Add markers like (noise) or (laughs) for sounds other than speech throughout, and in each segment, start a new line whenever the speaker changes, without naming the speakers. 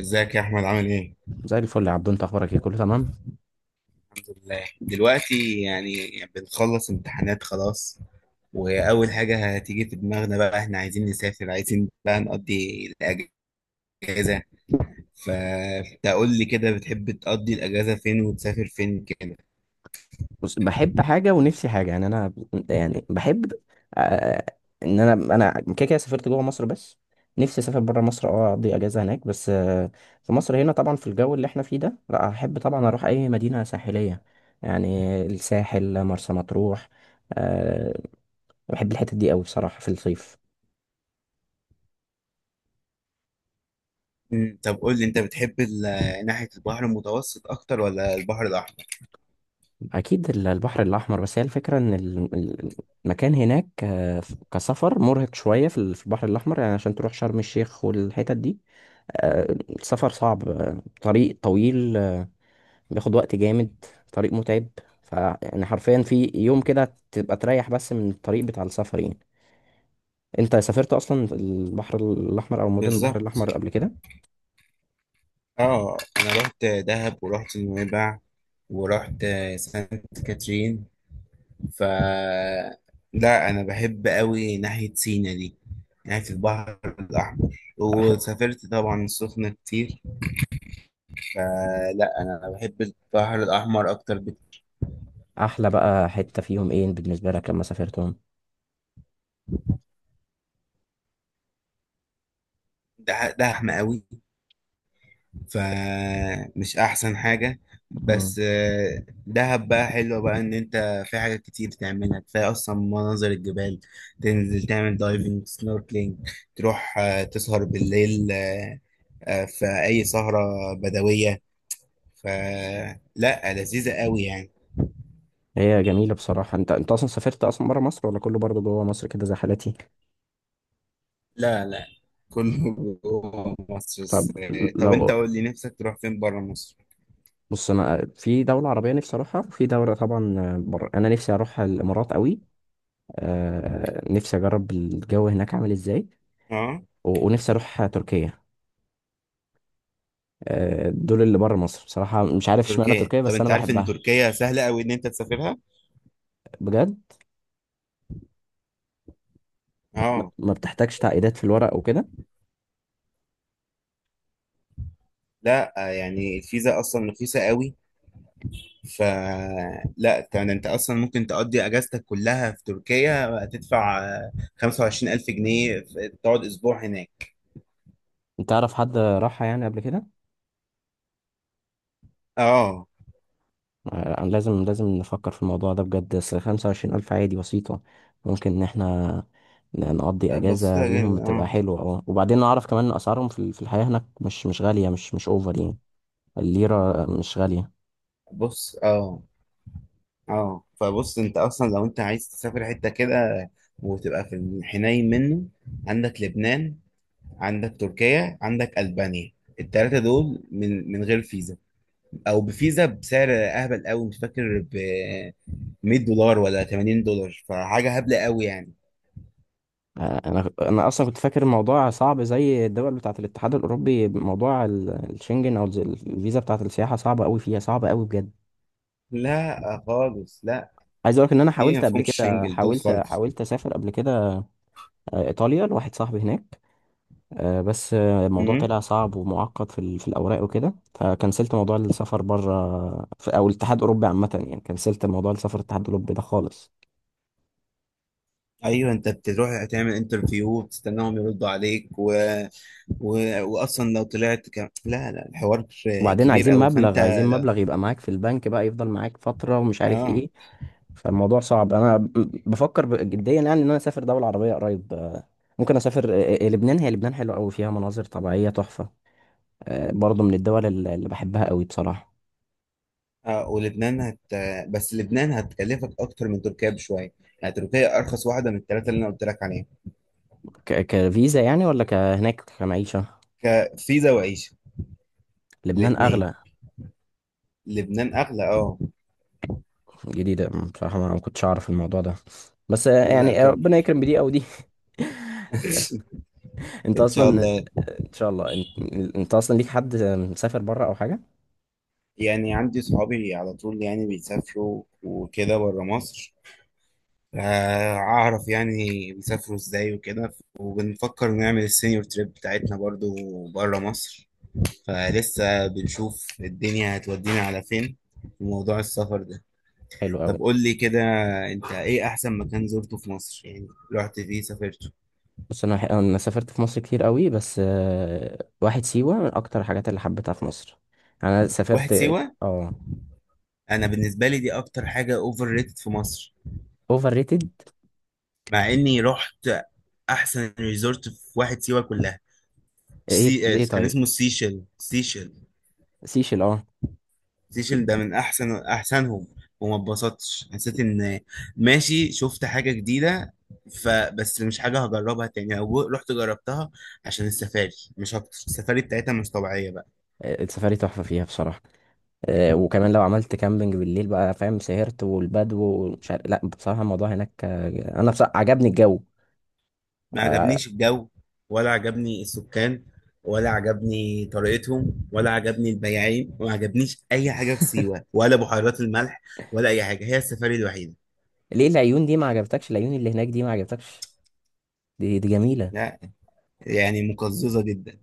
ازيك يا احمد، عامل ايه؟
زي الفل يا عبدو، انت اخبارك ايه؟ كله تمام؟
الحمد لله دلوقتي يعني، بنخلص امتحانات خلاص. واول حاجه هتيجي في دماغنا بقى احنا عايزين نسافر، عايزين بقى نقضي الاجازه. فانت قول لي كده، بتحب تقضي الاجازه فين وتسافر فين كده؟
بص، بحب حاجه ونفسي حاجه. يعني انا، يعني بحب، آه ان انا كده كده سافرت جوه مصر بس. نفسي اسافر بره مصر، اقضي اجازه هناك بس. في مصر هنا طبعا، في الجو اللي احنا فيه ده، لا احب طبعا اروح اي مدينه ساحليه يعني. الساحل، مرسى مطروح آه بحب الحتت دي قوي بصراحه في الصيف.
طب قول لي انت بتحب ناحيه البحر المتوسط اكتر ولا البحر الاحمر؟
اكيد البحر الاحمر، بس هي الفكره ان المكان هناك، كسفر مرهق شويه في البحر الاحمر، يعني عشان تروح شرم الشيخ والحتت دي. السفر صعب، طريق طويل، بياخد وقت جامد، طريق متعب. فيعني حرفيا في يوم كده تبقى تريح بس من الطريق بتاع السفر يعني. انت سافرت اصلا البحر الاحمر او مدن البحر
بالظبط.
الاحمر قبل كده؟
اه انا رحت دهب، ورحت نويبع، ورحت سانت كاترين. ف لا انا بحب قوي ناحيه سينا دي، ناحيه البحر الاحمر.
أح-
وسافرت طبعا السخنه كتير. فلا انا بحب البحر الاحمر اكتر
احلى بقى حته فيهم ايه بالنسبه لك لما سافرتهم؟
ده احمى قوي، فمش احسن حاجه. بس دهب بقى حلوه بقى، ان انت في حاجات كتير تعملها، كفايه اصلا مناظر الجبال. تنزل تعمل دايفنج سنوركلينج، تروح تسهر بالليل في اي سهره بدويه. فلا لذيذة قوي يعني.
هي جميلة بصراحة. انت اصلا سافرت اصلا برا مصر ولا كله برضه جوه مصر كده زي حالتي؟
لا لا، كله جوه مصر
طب
بس. طب انت
لو
قول لي نفسك تروح فين بره مصر؟
بص، انا في دولة عربية نفسي اروحها، وفي دولة طبعا بره انا نفسي اروح الامارات قوي. نفسي اجرب الجو هناك عامل ازاي.
اه.
ونفسي اروح تركيا. دول اللي بره مصر بصراحة، مش عارف اشمعنى
تركيا،
تركيا
طب
بس انا
انت عارف ان
بحبها.
تركيا سهلة قوي ان انت تسافرها؟
بجد ما
اه.
ما بتحتاجش تعقيدات في الورق وكده.
لا يعني الفيزا اصلا رخيصة قوي. ف لا يعني انت اصلا ممكن تقضي اجازتك كلها في تركيا، تدفع 25,000 جنيه تقعد اسبوع هناك.
انت تعرف حد راحها يعني قبل كده؟
اه.
لازم لازم نفكر في الموضوع ده بجد. أصل 25000 عادي، بسيطة. ممكن إن احنا نقضي أجازة
بسيطة
بيهم
جدا
تبقى
اه.
حلوة، وبعدين نعرف كمان إن أسعارهم في الحياة هناك مش غالية، مش أوفر يعني. الليرة مش غالية
بص اه. اه فبص انت اصلا لو انت عايز تسافر حته كده، وتبقى في الحنين منه، عندك لبنان، عندك تركيا، عندك البانيا. التلاتة دول من غير فيزا، او بفيزا بسعر اهبل قوي. مش فاكر ب 100 دولار ولا 80 دولار، فحاجه هبله قوي يعني.
آه، أنا أصلا كنت فاكر الموضوع صعب زي الدول بتاعة الاتحاد الأوروبي. موضوع الشنجن أو الفيزا بتاعة السياحة صعبة أوي، فيها صعبة أوي بجد.
لا خالص لا،
عايز أقولك إن أنا
دي ما
حاولت قبل
فيهمش
كده،
شنجل دول
حاولت
خالص.
حاولت أسافر قبل كده، إيطاليا لواحد صاحبي هناك. بس، الموضوع
امم
طلع صعب ومعقد في الاوراق وكده، فكنسلت موضوع السفر بره، او الاتحاد الاوروبي عامه يعني. كنسلت موضوع السفر الاتحاد الاوروبي ده خالص.
ايوه، انت بتروح تعمل انترفيو وتستناهم يردوا عليك و... واصلا لو لا لا، الحوار
وبعدين
كبير
عايزين
قوي فانت
مبلغ عايزين
لا...
مبلغ يبقى معاك في البنك، بقى يفضل معاك فتره، ومش عارف
اه.
ايه. فالموضوع صعب. انا بفكر جديا يعني ان انا اسافر دوله عربيه قريب. ممكن اسافر لبنان. هي لبنان حلوه قوي، فيها مناظر طبيعيه تحفه. برضه من الدول اللي بحبها قوي بصراحه.
اه ولبنان بس لبنان هتكلفك اكتر من تركيا بشويه. يعني تركيا ارخص واحده من الثلاثه اللي انا قلت لك عليهم.
كفيزا يعني ولا كهناك كمعيشه؟
كفيزا وعيشه،
لبنان
الاثنين.
اغلى.
لبنان اغلى اه.
جديدة بصراحة، ما أنا ما كنتش أعرف الموضوع ده. بس آه،
لا
يعني آه،
طب.
ربنا يكرم بدي أو دي.
(laughs)
(laughs) أنت
ان شاء
أصلا،
الله.
إن شاء الله. انت أصلا ليك حد مسافر بره أو حاجة؟
يعني عندي صحابي على طول يعني بيسافروا وكده بره مصر. اعرف يعني بيسافروا ازاي وكده. وبنفكر نعمل السينيور تريب بتاعتنا برضو بره مصر. فلسه بنشوف الدنيا هتودينا على فين في موضوع السفر ده.
حلو أوي.
طب قول لي كده، انت ايه احسن مكان زرته في مصر يعني رحت فيه سافرته؟
بس أنا سافرت في مصر كتير أوي، بس، واحد سيوة من أكتر الحاجات اللي حبيتها في مصر. أنا سافرت.
واحد سيوة.
أه.
انا بالنسبة لي دي اكتر حاجة اوفر ريتد في مصر.
أوفر ريتد؟
مع اني رحت احسن ريزورت في واحد سيوة كلها.
إيه
سي... آه،
ليه
كان
طيب؟
اسمه سيشل. سيشل،
سيشل، أه.
سيشن ده من احسنهم. وما اتبسطتش، حسيت ان ماشي، شفت حاجه جديده. فبس مش حاجه هجربها تاني، او رحت جربتها عشان السفاري. مش اكتر، السفاري بتاعتها مش طبيعيه بقى.
السفاري تحفة فيها بصراحة. وكمان لو عملت كامبينج بالليل بقى، فاهم، سهرت والبدو ومش عارف. لا بصراحة الموضوع هناك، أنا بصراحة عجبني الجو.
ما عجبنيش الجو، ولا عجبني السكان، ولا عجبني طريقتهم، ولا عجبني البياعين. وما عجبنيش اي حاجه في سيوه، ولا بحيرات الملح، ولا اي حاجه. هي السفاري الوحيده.
ليه العيون دي ما عجبتكش؟ العيون اللي هناك دي ما عجبتكش؟ دي جميلة.
لا يعني مقززه جدا.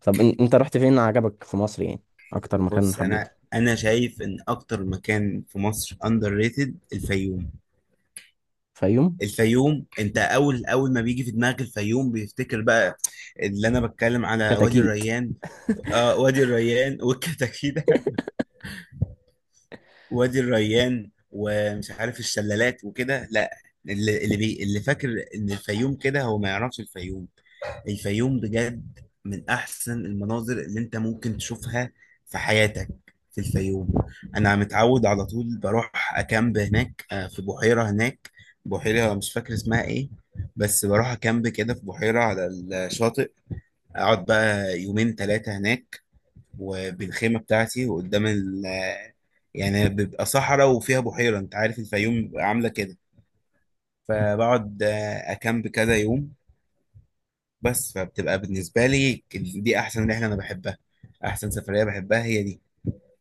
طب انت رحت فين عجبك في مصر يعني؟ اكتر مكان
بص انا
حبيته؟
انا شايف ان اكتر مكان في مصر اندر ريتد الفيوم.
فيوم؟
الفيوم، انت اول ما بيجي في دماغك الفيوم بيفتكر بقى اللي انا بتكلم على وادي
كتاكيت؟
الريان. اه، وادي الريان والكتاكيت (laughs) وادي الريان ومش عارف الشلالات وكده، لا. اللي فاكر ان الفيوم كده، هو ما يعرفش الفيوم. الفيوم بجد من احسن المناظر اللي انت ممكن تشوفها في حياتك، في الفيوم. انا متعود على طول بروح اكامب هناك في بحيرة هناك. بحيرة مش فاكر اسمها ايه. بس بروح اكامب كده في بحيرة على الشاطئ. اقعد بقى يومين ثلاثة هناك، وبالخيمة بتاعتي، وقدام ال آه، يعني بيبقى صحراء وفيها بحيرة، انت عارف الفيوم بيبقى عاملة كده. فبقعد اكامب كذا يوم بس. فبتبقى بالنسبة لي دي أحسن رحلة أنا بحبها. أحسن سفرية بحبها هي دي.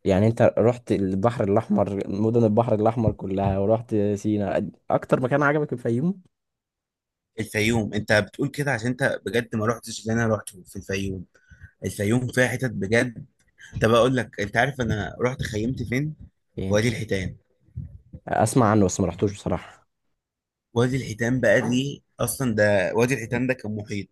يعني انت رحت البحر الاحمر، مدن البحر الاحمر كلها، ورحت سينا، اكتر مكان عجبك الفيوم
الفيوم، أنت بتقول كده عشان أنت بجد ما رحتش اللي أنا رحته في الفيوم. الفيوم فيها حتت بجد. طب أقول لك، أنت عارف أنا رحت خيمت فين؟ في
يعني؟
وادي الحيتان.
اسمع عنه بس ما رحتوش بصراحة.
وادي الحيتان بقى دي أصلا، ده وادي الحيتان ده كان محيط.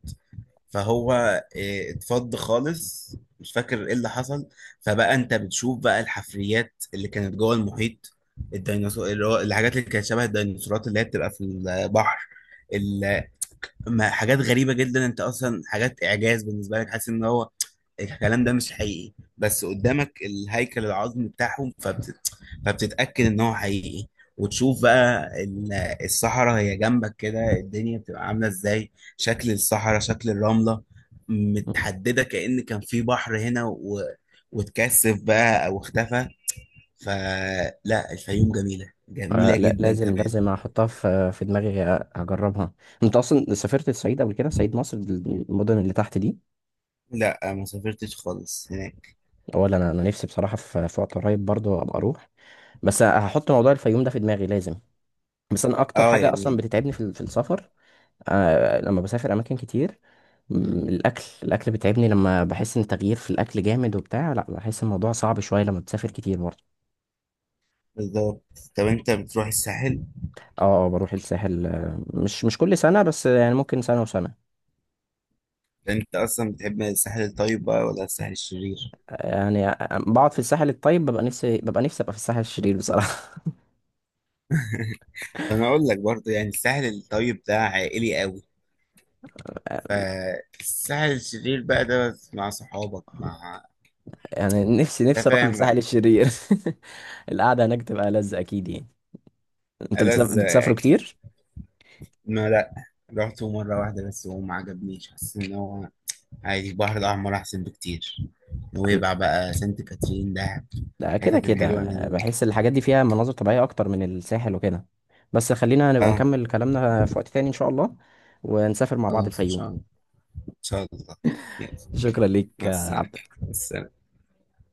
فهو إيه، اتفض خالص. مش فاكر ايه اللي حصل. فبقى انت بتشوف بقى الحفريات اللي كانت جوه المحيط. الديناصور، اللي هو الحاجات اللي كانت شبه الديناصورات اللي هي بتبقى في البحر. ما حاجات غريبة جدا، انت اصلا حاجات اعجاز بالنسبة لك، حاسس ان هو الكلام ده مش حقيقي. بس قدامك الهيكل العظمي بتاعهم، فبتتأكد ان هو حقيقي. وتشوف بقى الصحراء هي جنبك كده. الدنيا بتبقى عاملة ازاي، شكل الصحراء، شكل الرملة، متحددة كأن كان في بحر هنا واتكثف بقى او اختفى. فلا الفيوم جميلة، جميلة
لا،
جدا
لازم
كمان.
لازم احطها في دماغي، اجربها. انت اصلا سافرت الصعيد قبل كده؟ صعيد مصر، المدن اللي تحت دي؟
لا ما سافرتش خالص هناك.
ولا انا نفسي بصراحة في وقت قريب برضه ابقى اروح. بس هحط موضوع الفيوم ده في دماغي لازم. بس انا اكتر
اه
حاجه اصلا
يعني.
بتتعبني في السفر لما بسافر اماكن كتير، الاكل بيتعبني. لما بحس ان تغيير في الاكل جامد وبتاع، لا بحس الموضوع صعب شويه لما بتسافر كتير برضه.
بالظبط. طب انت بتروح الساحل؟
اه. بروح الساحل، مش كل سنه بس يعني، ممكن سنه وسنه.
انت اصلا بتحب الساحل الطيب بقى ولا الساحل الشرير؟
يعني بقعد في الساحل الطيب، ببقى نفسي ابقى في الساحل الشرير بصراحه. (laughs)
انا اقول لك برضه، يعني الساحل الطيب ده عائلي قوي. فالساحل الشرير بقى ده بس مع صحابك، مع
يعني نفسي
انت
نفسي اروح
فاهم بقى.
للساحل الشرير. (laughs) القعده هناك تبقى لذة اكيد يعني. انت
ألذ
بتسافروا
اكيد.
كتير؟
ما لا، رحته مرة واحدة بس وما عجبنيش. حسيت ان هو عادي، البحر الاحمر احسن بكتير. نويبع بقى، سانت كاترين، دهب،
لا، كده
الحتت
كده
الحلوة اللي هناك
بحس
دي.
الحاجات دي فيها مناظر طبيعية أكتر من الساحل وكده. بس خلينا نبقى
اه
نكمل كلامنا في وقت تاني إن شاء الله، ونسافر مع بعض
خلاص، ان
الفيوم.
شاء الله. ان شاء الله. يلا.
شكرا ليك
مع
يا
السلامة.
عبد.
مع السلامة.